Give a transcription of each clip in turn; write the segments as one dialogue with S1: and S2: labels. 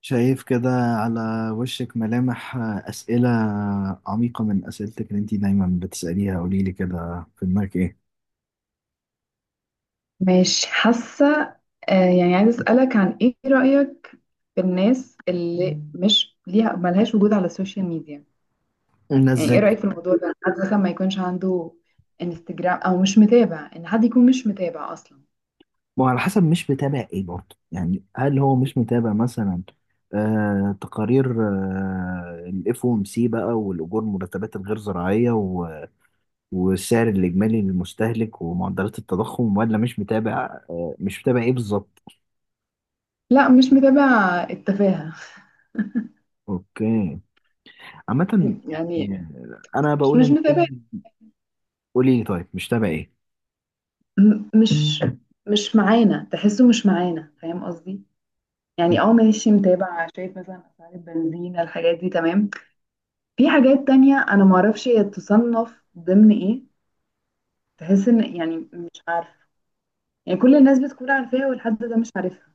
S1: شايف كده على وشك ملامح أسئلة عميقة من أسئلتك اللي أنت دايما بتسأليها، قولي لي كده، في دماغك إيه؟
S2: مش حاسة. آه، يعني عايزة أسألك عن إيه رأيك في الناس اللي مش ليها ملهاش وجود على السوشيال ميديا.
S1: الناس
S2: يعني إيه
S1: إزاي؟
S2: رأيك في الموضوع ده؟ حد مثلا ما يكونش عنده انستجرام، أو مش متابع. إن حد يكون مش متابع أصلا؟
S1: وعلى حسب مش متابع إيه برضه؟ يعني هل هو مش متابع مثلا تقارير الاف او ام سي بقى، والأجور، المرتبات الغير زراعية، والسعر الإجمالي للمستهلك، ومعدلات التضخم؟ ولا مش متابع؟ مش متابع إيه بالظبط؟
S2: لا، مش متابع التفاهة.
S1: أوكي، عامة
S2: يعني
S1: يعني. أنا
S2: مش
S1: بقول
S2: مش
S1: إن
S2: متابع.
S1: أي... قولي لي، طيب مش تابع إيه؟
S2: م- مش مش معانا، تحسه مش معانا، فاهم قصدي؟ يعني اه، ماشي متابع، شايف مثلا أسعار البنزين، الحاجات دي تمام. في حاجات تانية أنا معرفش هي تصنف ضمن إيه، تحس إن يعني مش عارفة، يعني كل الناس بتكون عارفاها والحد ده مش عارفها.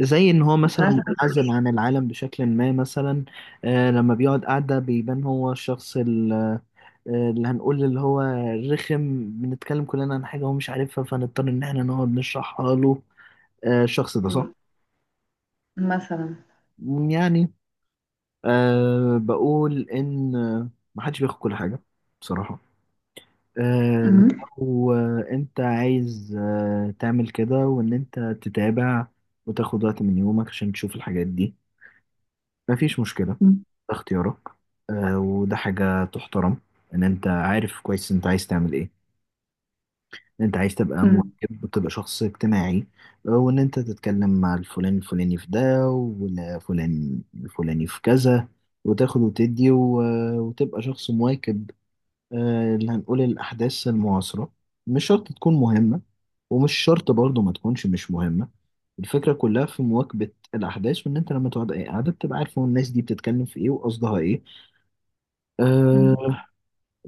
S1: زي ان هو
S2: مش
S1: مثلا
S2: عارفة.
S1: منعزل عن العالم بشكل ما مثلا. لما بيقعد قاعدة بيبان هو الشخص اللي هنقول، اللي هو رخم، بنتكلم كلنا عن حاجة هو مش عارفها فنضطر ان احنا نقعد نشرحها له. الشخص ده، صح؟
S2: م- مثلا.
S1: يعني، بقول ان محدش بياخد كل حاجة بصراحة. آه
S2: م-
S1: لو انت عايز تعمل كده، وان انت تتابع وتاخد وقت من يومك عشان تشوف الحاجات دي، مفيش مشكلة. ده
S2: م-
S1: اختيارك. وده حاجة تحترم. ان انت عارف كويس انت عايز تعمل ايه. ان انت عايز تبقى
S2: م-
S1: مواكب وتبقى شخص اجتماعي. وان انت تتكلم مع الفلان الفلاني في ده، والفلان الفلاني في كذا، وتاخد وتدي، وتبقى شخص مواكب. اللي هنقول الأحداث المعاصرة. مش شرط تكون مهمة، ومش شرط برضه ما تكونش مش مهمة. الفكرة كلها في مواكبة الأحداث، وإن أنت لما تقعد أي قعدة بتبقى عارف هو الناس دي بتتكلم في إيه وقصدها إيه. أه.
S2: م.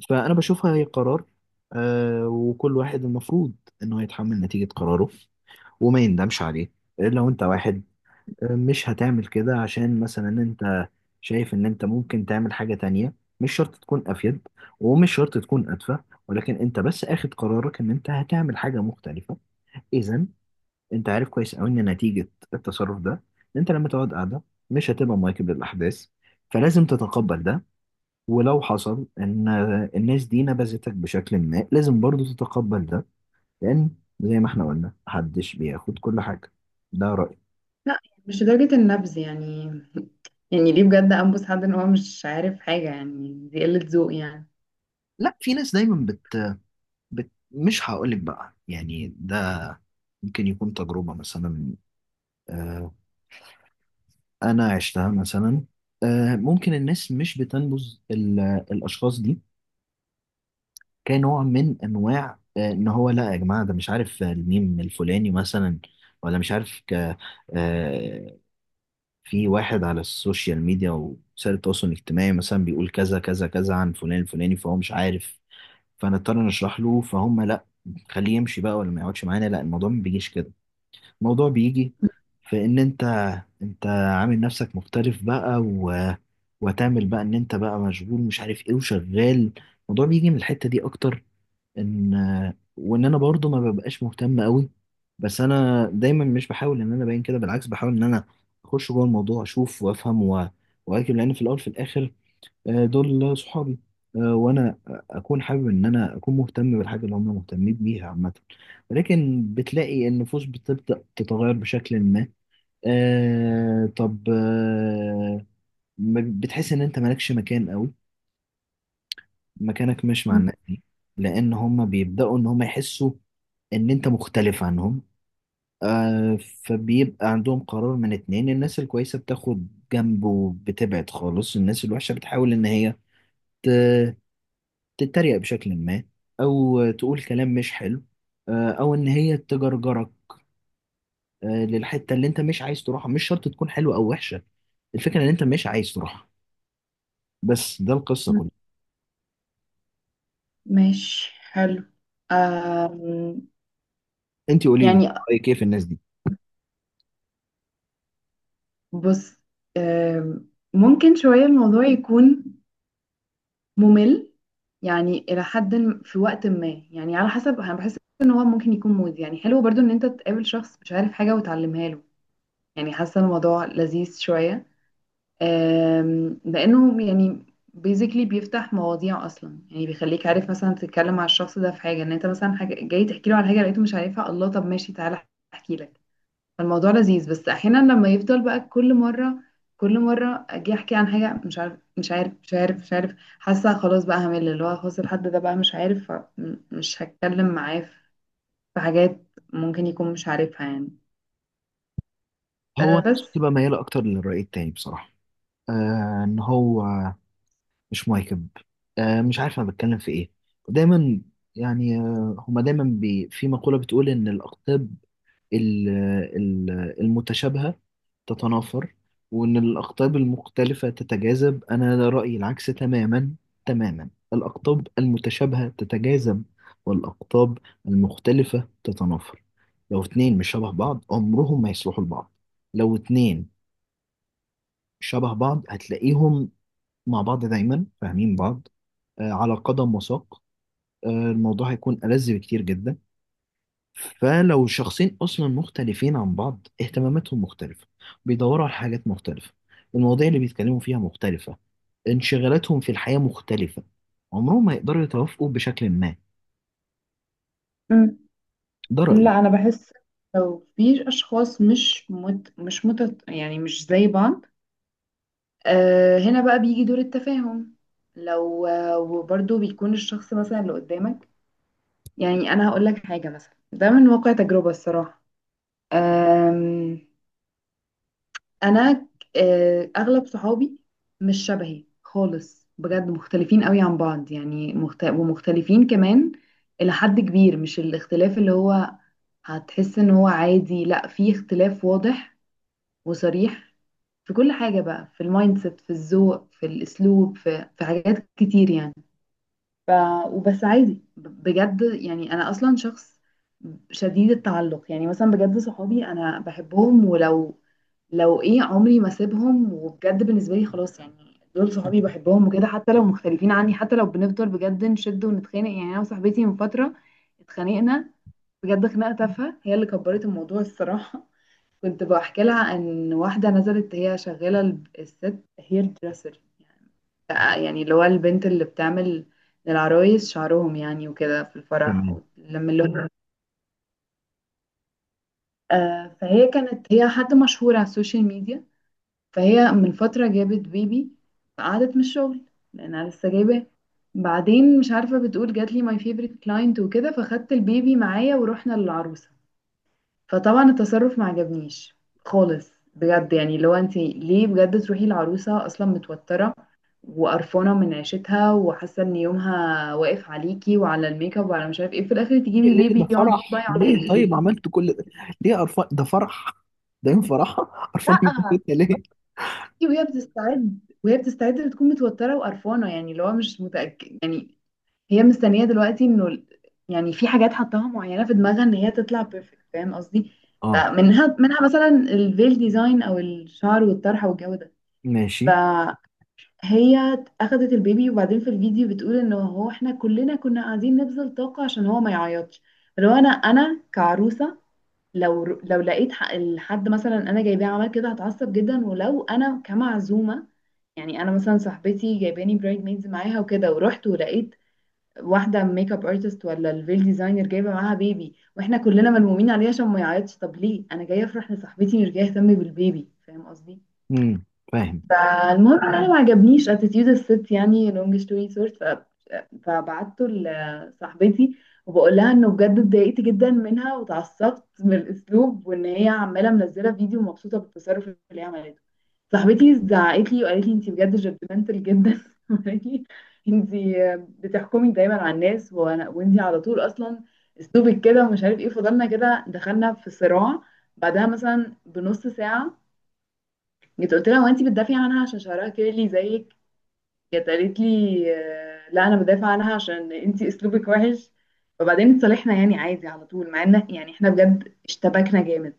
S1: فأنا بشوفها هي قرار. أه. وكل واحد المفروض إنه يتحمل نتيجة قراره وما يندمش عليه. لو أنت واحد مش هتعمل كده عشان مثلا انت شايف ان انت ممكن تعمل حاجة تانية، مش شرط تكون افيد ومش شرط تكون ادفع، ولكن انت بس اخد قرارك ان انت هتعمل حاجة مختلفة. اذا انت عارف كويس قوي ان نتيجة التصرف ده ان انت لما تقعد قاعدة مش هتبقى مواكب للاحداث، فلازم تتقبل ده. ولو حصل ان الناس دي نبذتك بشكل ما لازم برضو تتقبل ده، لان زي ما احنا قلنا محدش بياخد كل حاجة. ده رأيي.
S2: لا، مش لدرجة النبذ يعني ليه بجد أنبس حد إن هو مش عارف حاجة؟ يعني دي قلة ذوق يعني.
S1: لا، في ناس دايما مش هقولك بقى، يعني ده ممكن يكون تجربة مثلا. آه، أنا عشتها مثلا. ممكن الناس مش بتنبذ الأشخاص دي كنوع من أنواع إن هو لا يا جماعة، ده مش عارف الميم الفلاني مثلا، ولا مش عارف آه، في واحد على السوشيال ميديا، وسائل التواصل الاجتماعي، مثلا بيقول كذا كذا كذا عن فلان الفلاني فهو مش عارف، فنضطر نشرح له فهم. لا، خليه يمشي بقى، ولا ما يقعدش معانا، لا. الموضوع ما بيجيش كده. الموضوع بيجي في ان انت، انت عامل نفسك مختلف بقى و... وتعمل بقى ان انت بقى مشغول مش عارف ايه وشغال. الموضوع بيجي من الحتة دي اكتر. ان وان انا برضو ما ببقاش مهتم قوي. بس انا دايما مش بحاول ان انا ابين كده، بالعكس بحاول ان انا اخش جوه الموضوع، اشوف وافهم و... واكل. لان في الاول في الاخر دول صحابي. وانا اكون حابب ان انا اكون مهتم بالحاجه اللي هم مهتمين بيها عامه. ولكن بتلاقي النفوس بتبدا تتغير بشكل ما. آه طب آه بتحس ان انت مالكش مكان قوي، مكانك مش مع الناس
S2: م-
S1: دي. لان هم بيبداوا ان هم يحسوا ان انت مختلف عنهم. آه فبيبقى عندهم قرار من اتنين. الناس الكويسة بتاخد جنب وبتبعد خالص. الناس الوحشة بتحاول ان هي تتريق بشكل ما، او تقول كلام مش حلو. او ان هي تجرجرك للحته اللي انت مش عايز تروحها. مش شرط تكون حلوه او وحشه، الفكره ان انت مش عايز تروحها. بس ده القصه
S2: م.
S1: كلها.
S2: ماشي، حلو. آم،
S1: انت قولي لي
S2: يعني
S1: رايك ايه في الناس دي.
S2: بص، ممكن شوية الموضوع يكون ممل، يعني الى حد في وقت ما. يعني على حسب، انا بحس ان هو ممكن يكون مودي. يعني حلو برضو ان انت تقابل شخص مش عارف حاجه وتعلمها له، يعني حاسه الموضوع لذيذ شويه. لانه يعني بيزيكلي بيفتح مواضيع اصلا، يعني بيخليك عارف مثلا تتكلم مع الشخص ده في حاجه. ان انت مثلا حاجه جاي تحكي له على حاجه لقيته مش عارفها، الله طب ماشي تعالى احكي لك. فالموضوع لذيذ. بس احيانا لما يفضل بقى كل مره كل مره اجي احكي عن حاجه مش عارف مش عارف مش عارف مش عارف، حاسه خلاص بقى همل. اللي هو خلاص الحد ده بقى مش عارف فمش هتكلم معاه. في حاجات ممكن يكون مش عارفها يعني.
S1: هو
S2: أه
S1: الناس
S2: بس.
S1: بتبقى مياله اكتر للراي التاني بصراحه. ان هو مش مواكب. مش عارف انا بتكلم في ايه دايما. يعني هما دايما بي في مقوله بتقول ان الاقطاب ال- المتشابهة تتنافر، وإن الأقطاب المختلفة تتجاذب. أنا رأيي العكس تماما. تماما الأقطاب المتشابهة تتجاذب، والأقطاب المختلفة تتنافر. لو اتنين مش شبه بعض عمرهم ما يصلحوا لبعض. لو اتنين شبه بعض هتلاقيهم مع بعض دايما فاهمين بعض. على قدم وساق. الموضوع هيكون ألذ بكتير جدا. فلو شخصين اصلا مختلفين عن بعض، اهتماماتهم مختلفه، بيدوروا على حاجات مختلفه، المواضيع اللي بيتكلموا فيها مختلفه، انشغالاتهم في الحياه مختلفه، عمرهم ما يقدروا يتوافقوا بشكل ما.
S2: مم.
S1: ده رايي.
S2: لا، انا بحس لو في اشخاص مش مت مش مت يعني مش زي بعض، أه، هنا بقى بيجي دور التفاهم. لو آه، وبرضه بيكون الشخص مثلا اللي قدامك. يعني انا هقول لك حاجه مثلا، ده من واقع تجربه الصراحه. أم، انا اغلب صحابي مش شبهي خالص بجد، مختلفين قوي عن بعض. يعني ومختلفين كمان الى حد كبير. مش الاختلاف اللي هو هتحس ان هو عادي، لا في اختلاف واضح وصريح في كل حاجه بقى، في المايند سيت، في الذوق، في الاسلوب، في حاجات كتير يعني. ف... وبس عادي بجد. يعني انا اصلا شخص شديد التعلق. يعني مثلا بجد صحابي انا بحبهم، ولو ايه عمري ما اسيبهم. وبجد بالنسبه لي خلاص. يعني دول صحابي بحبهم وكده، حتى لو مختلفين عني، حتى لو بنفضل بجد نشد ونتخانق. يعني انا وصاحبتي من فتره اتخانقنا بجد، خناقه تافهه هي اللي كبرت الموضوع الصراحه. كنت بحكي لها ان واحده نزلت، هي شغاله الست هير دريسر، يعني اللي هو البنت اللي بتعمل للعرايس شعرهم يعني وكده في الفرح.
S1: تمام.
S2: لما اللي هو فهي كانت، هي حد مشهور على السوشيال ميديا. فهي من فترة جابت بيبي فقعدت من الشغل لأنها لسه جايباه. بعدين مش عارفة، بتقول جات لي ماي فيفرت كلاينت وكده فخدت البيبي معايا ورحنا للعروسة. فطبعا التصرف ما عجبنيش خالص بجد. يعني لو انت ليه بجد؟ تروحي العروسة اصلا متوترة وقرفانه من عيشتها، وحاسه ان يومها واقف عليكي وعلى الميك اب وعلى مش عارف ايه، في الاخر
S1: ليه؟
S2: تجيبي
S1: ليه
S2: بيبي
S1: ده
S2: يقعد بقى
S1: فرح؟ ليه
S2: يعيط؟
S1: طيب عملت كل ده؟ ليه قرفان؟ ده فرح، ده يوم فرحة. قرفانة من
S2: لا.
S1: البيت ليه؟
S2: وهي بتستعد بتكون متوتره وقرفانه. يعني اللي هو مش متاكد يعني. هي مستنيه دلوقتي انه يعني في حاجات حطاها معينه في دماغها ان هي تطلع بيرفكت، فاهم قصدي؟
S1: اه،
S2: فمنها مثلا الفيل ديزاين، او الشعر والطرحه والجو ده.
S1: ماشي.
S2: هي اخدت البيبي. وبعدين في الفيديو بتقول ان هو احنا كلنا كنا قاعدين نبذل طاقة عشان هو ما يعيطش. لو انا كعروسة، لو لقيت الحد مثلا انا جايباه عمل كده هتعصب جدا. ولو انا كمعزومة، يعني انا مثلا صاحبتي جايباني برايد ميدز معاها وكده ورحت ولقيت واحدة ميك اب ارتست ولا الفيل ديزاينر جايبة معاها بيبي، واحنا كلنا ملمومين عليها عشان ما يعيطش. طب ليه؟ انا جاية افرح لصاحبتي مش جاية اهتم بالبيبي، فاهم قصدي؟
S1: امم، فاهم.
S2: فالمهم ان انا ما عجبنيش اتيتيود الست. يعني لونج ستوري شورت، فبعته لصاحبتي وبقول لها انه بجد اتضايقت جدا منها واتعصبت من الاسلوب، وان هي عماله منزله فيديو مبسوطه بالتصرف اللي هي عملته. صاحبتي زعقت لي وقالت لي انت بجد جادجمنتال جدا. وقالت لي انت بتحكمي دايما على الناس، وانا وانت على طول اصلا اسلوبك كده ومش عارف ايه. فضلنا كده، دخلنا في صراع. بعدها مثلا بنص ساعه جيت قلت لها، هو انت بتدافعي عنها عشان شعرها كيرلي زيك؟ جت قالت لي لا انا بدافع عنها عشان انت اسلوبك وحش. وبعدين اتصالحنا يعني عادي على طول، مع ان يعني احنا بجد اشتبكنا جامد.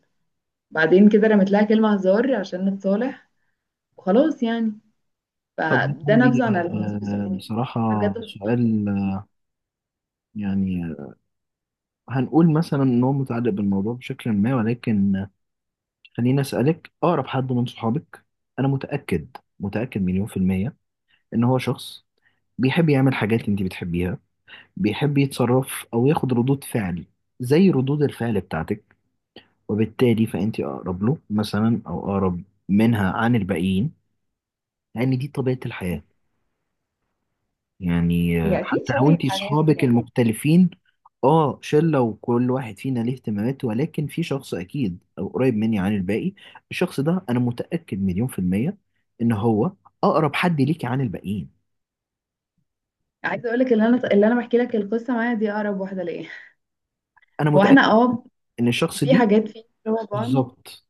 S2: بعدين كده رميت لها كلمه هزار عشان نتصالح. وخلاص يعني.
S1: طب أنا
S2: فده
S1: عندي
S2: نبذه عن علاقتي بصحابي.
S1: بصراحة
S2: أنا بجد مبسوطة.
S1: سؤال يعني هنقول مثلا ان هو متعلق بالموضوع بشكل ما، ولكن خليني اسالك. اقرب حد من صحابك، انا متاكد، متاكد مليون في الميه، ان هو شخص بيحب يعمل حاجات انت بتحبيها، بيحب يتصرف او ياخد ردود فعل زي ردود الفعل بتاعتك، وبالتالي فانت اقرب له مثلا، او اقرب منها عن الباقيين. لان دي طبيعه الحياه. يعني
S2: هي اكيد
S1: حتى لو
S2: شبهي في
S1: انت
S2: حاجات
S1: صحابك
S2: يعني.
S1: المختلفين... اه، شلة وكل واحد فينا ليه اهتمامات، ولكن في شخص اكيد او قريب مني عن الباقي. الشخص ده انا متأكد مليون في المية ان هو اقرب حد ليكي عن الباقيين.
S2: عايزه اقول لك اللي انا بحكي لك القصه معايا دي اقرب واحده ليا.
S1: انا
S2: هو
S1: متأكد
S2: احنا اه
S1: ان الشخص
S2: في
S1: دي
S2: حاجات فيه شبه بعض،
S1: بالظبط.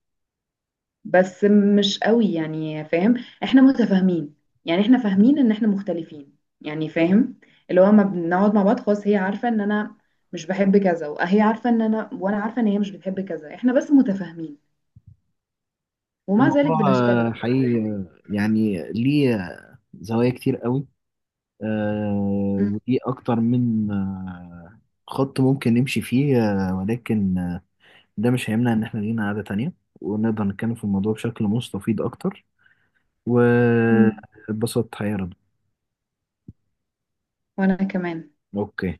S2: بس مش قوي يعني، فاهم؟ احنا متفاهمين، يعني احنا فاهمين ان احنا مختلفين يعني، فاهم؟ اللي هو ما بنقعد مع بعض. خلاص هي عارفة ان انا مش بحب كذا، وهي عارفة ان انا، وانا عارفة ان هي مش بتحب كذا. احنا بس متفاهمين، ومع ذلك
S1: الموضوع
S2: بنشتبك برضه
S1: حقيقي
S2: يعني.
S1: يعني ليه زوايا كتير قوي. آه،
S2: م-
S1: ودي اكتر من خط ممكن نمشي فيه. ولكن ده مش هيمنع إن إحنا لينا قعدة تانية، ونقدر نتكلم في الموضوع بشكل مستفيض أكتر.
S2: م.
S1: واتبسطت حقيقة يا رضا.
S2: وانا كمان.
S1: أوكي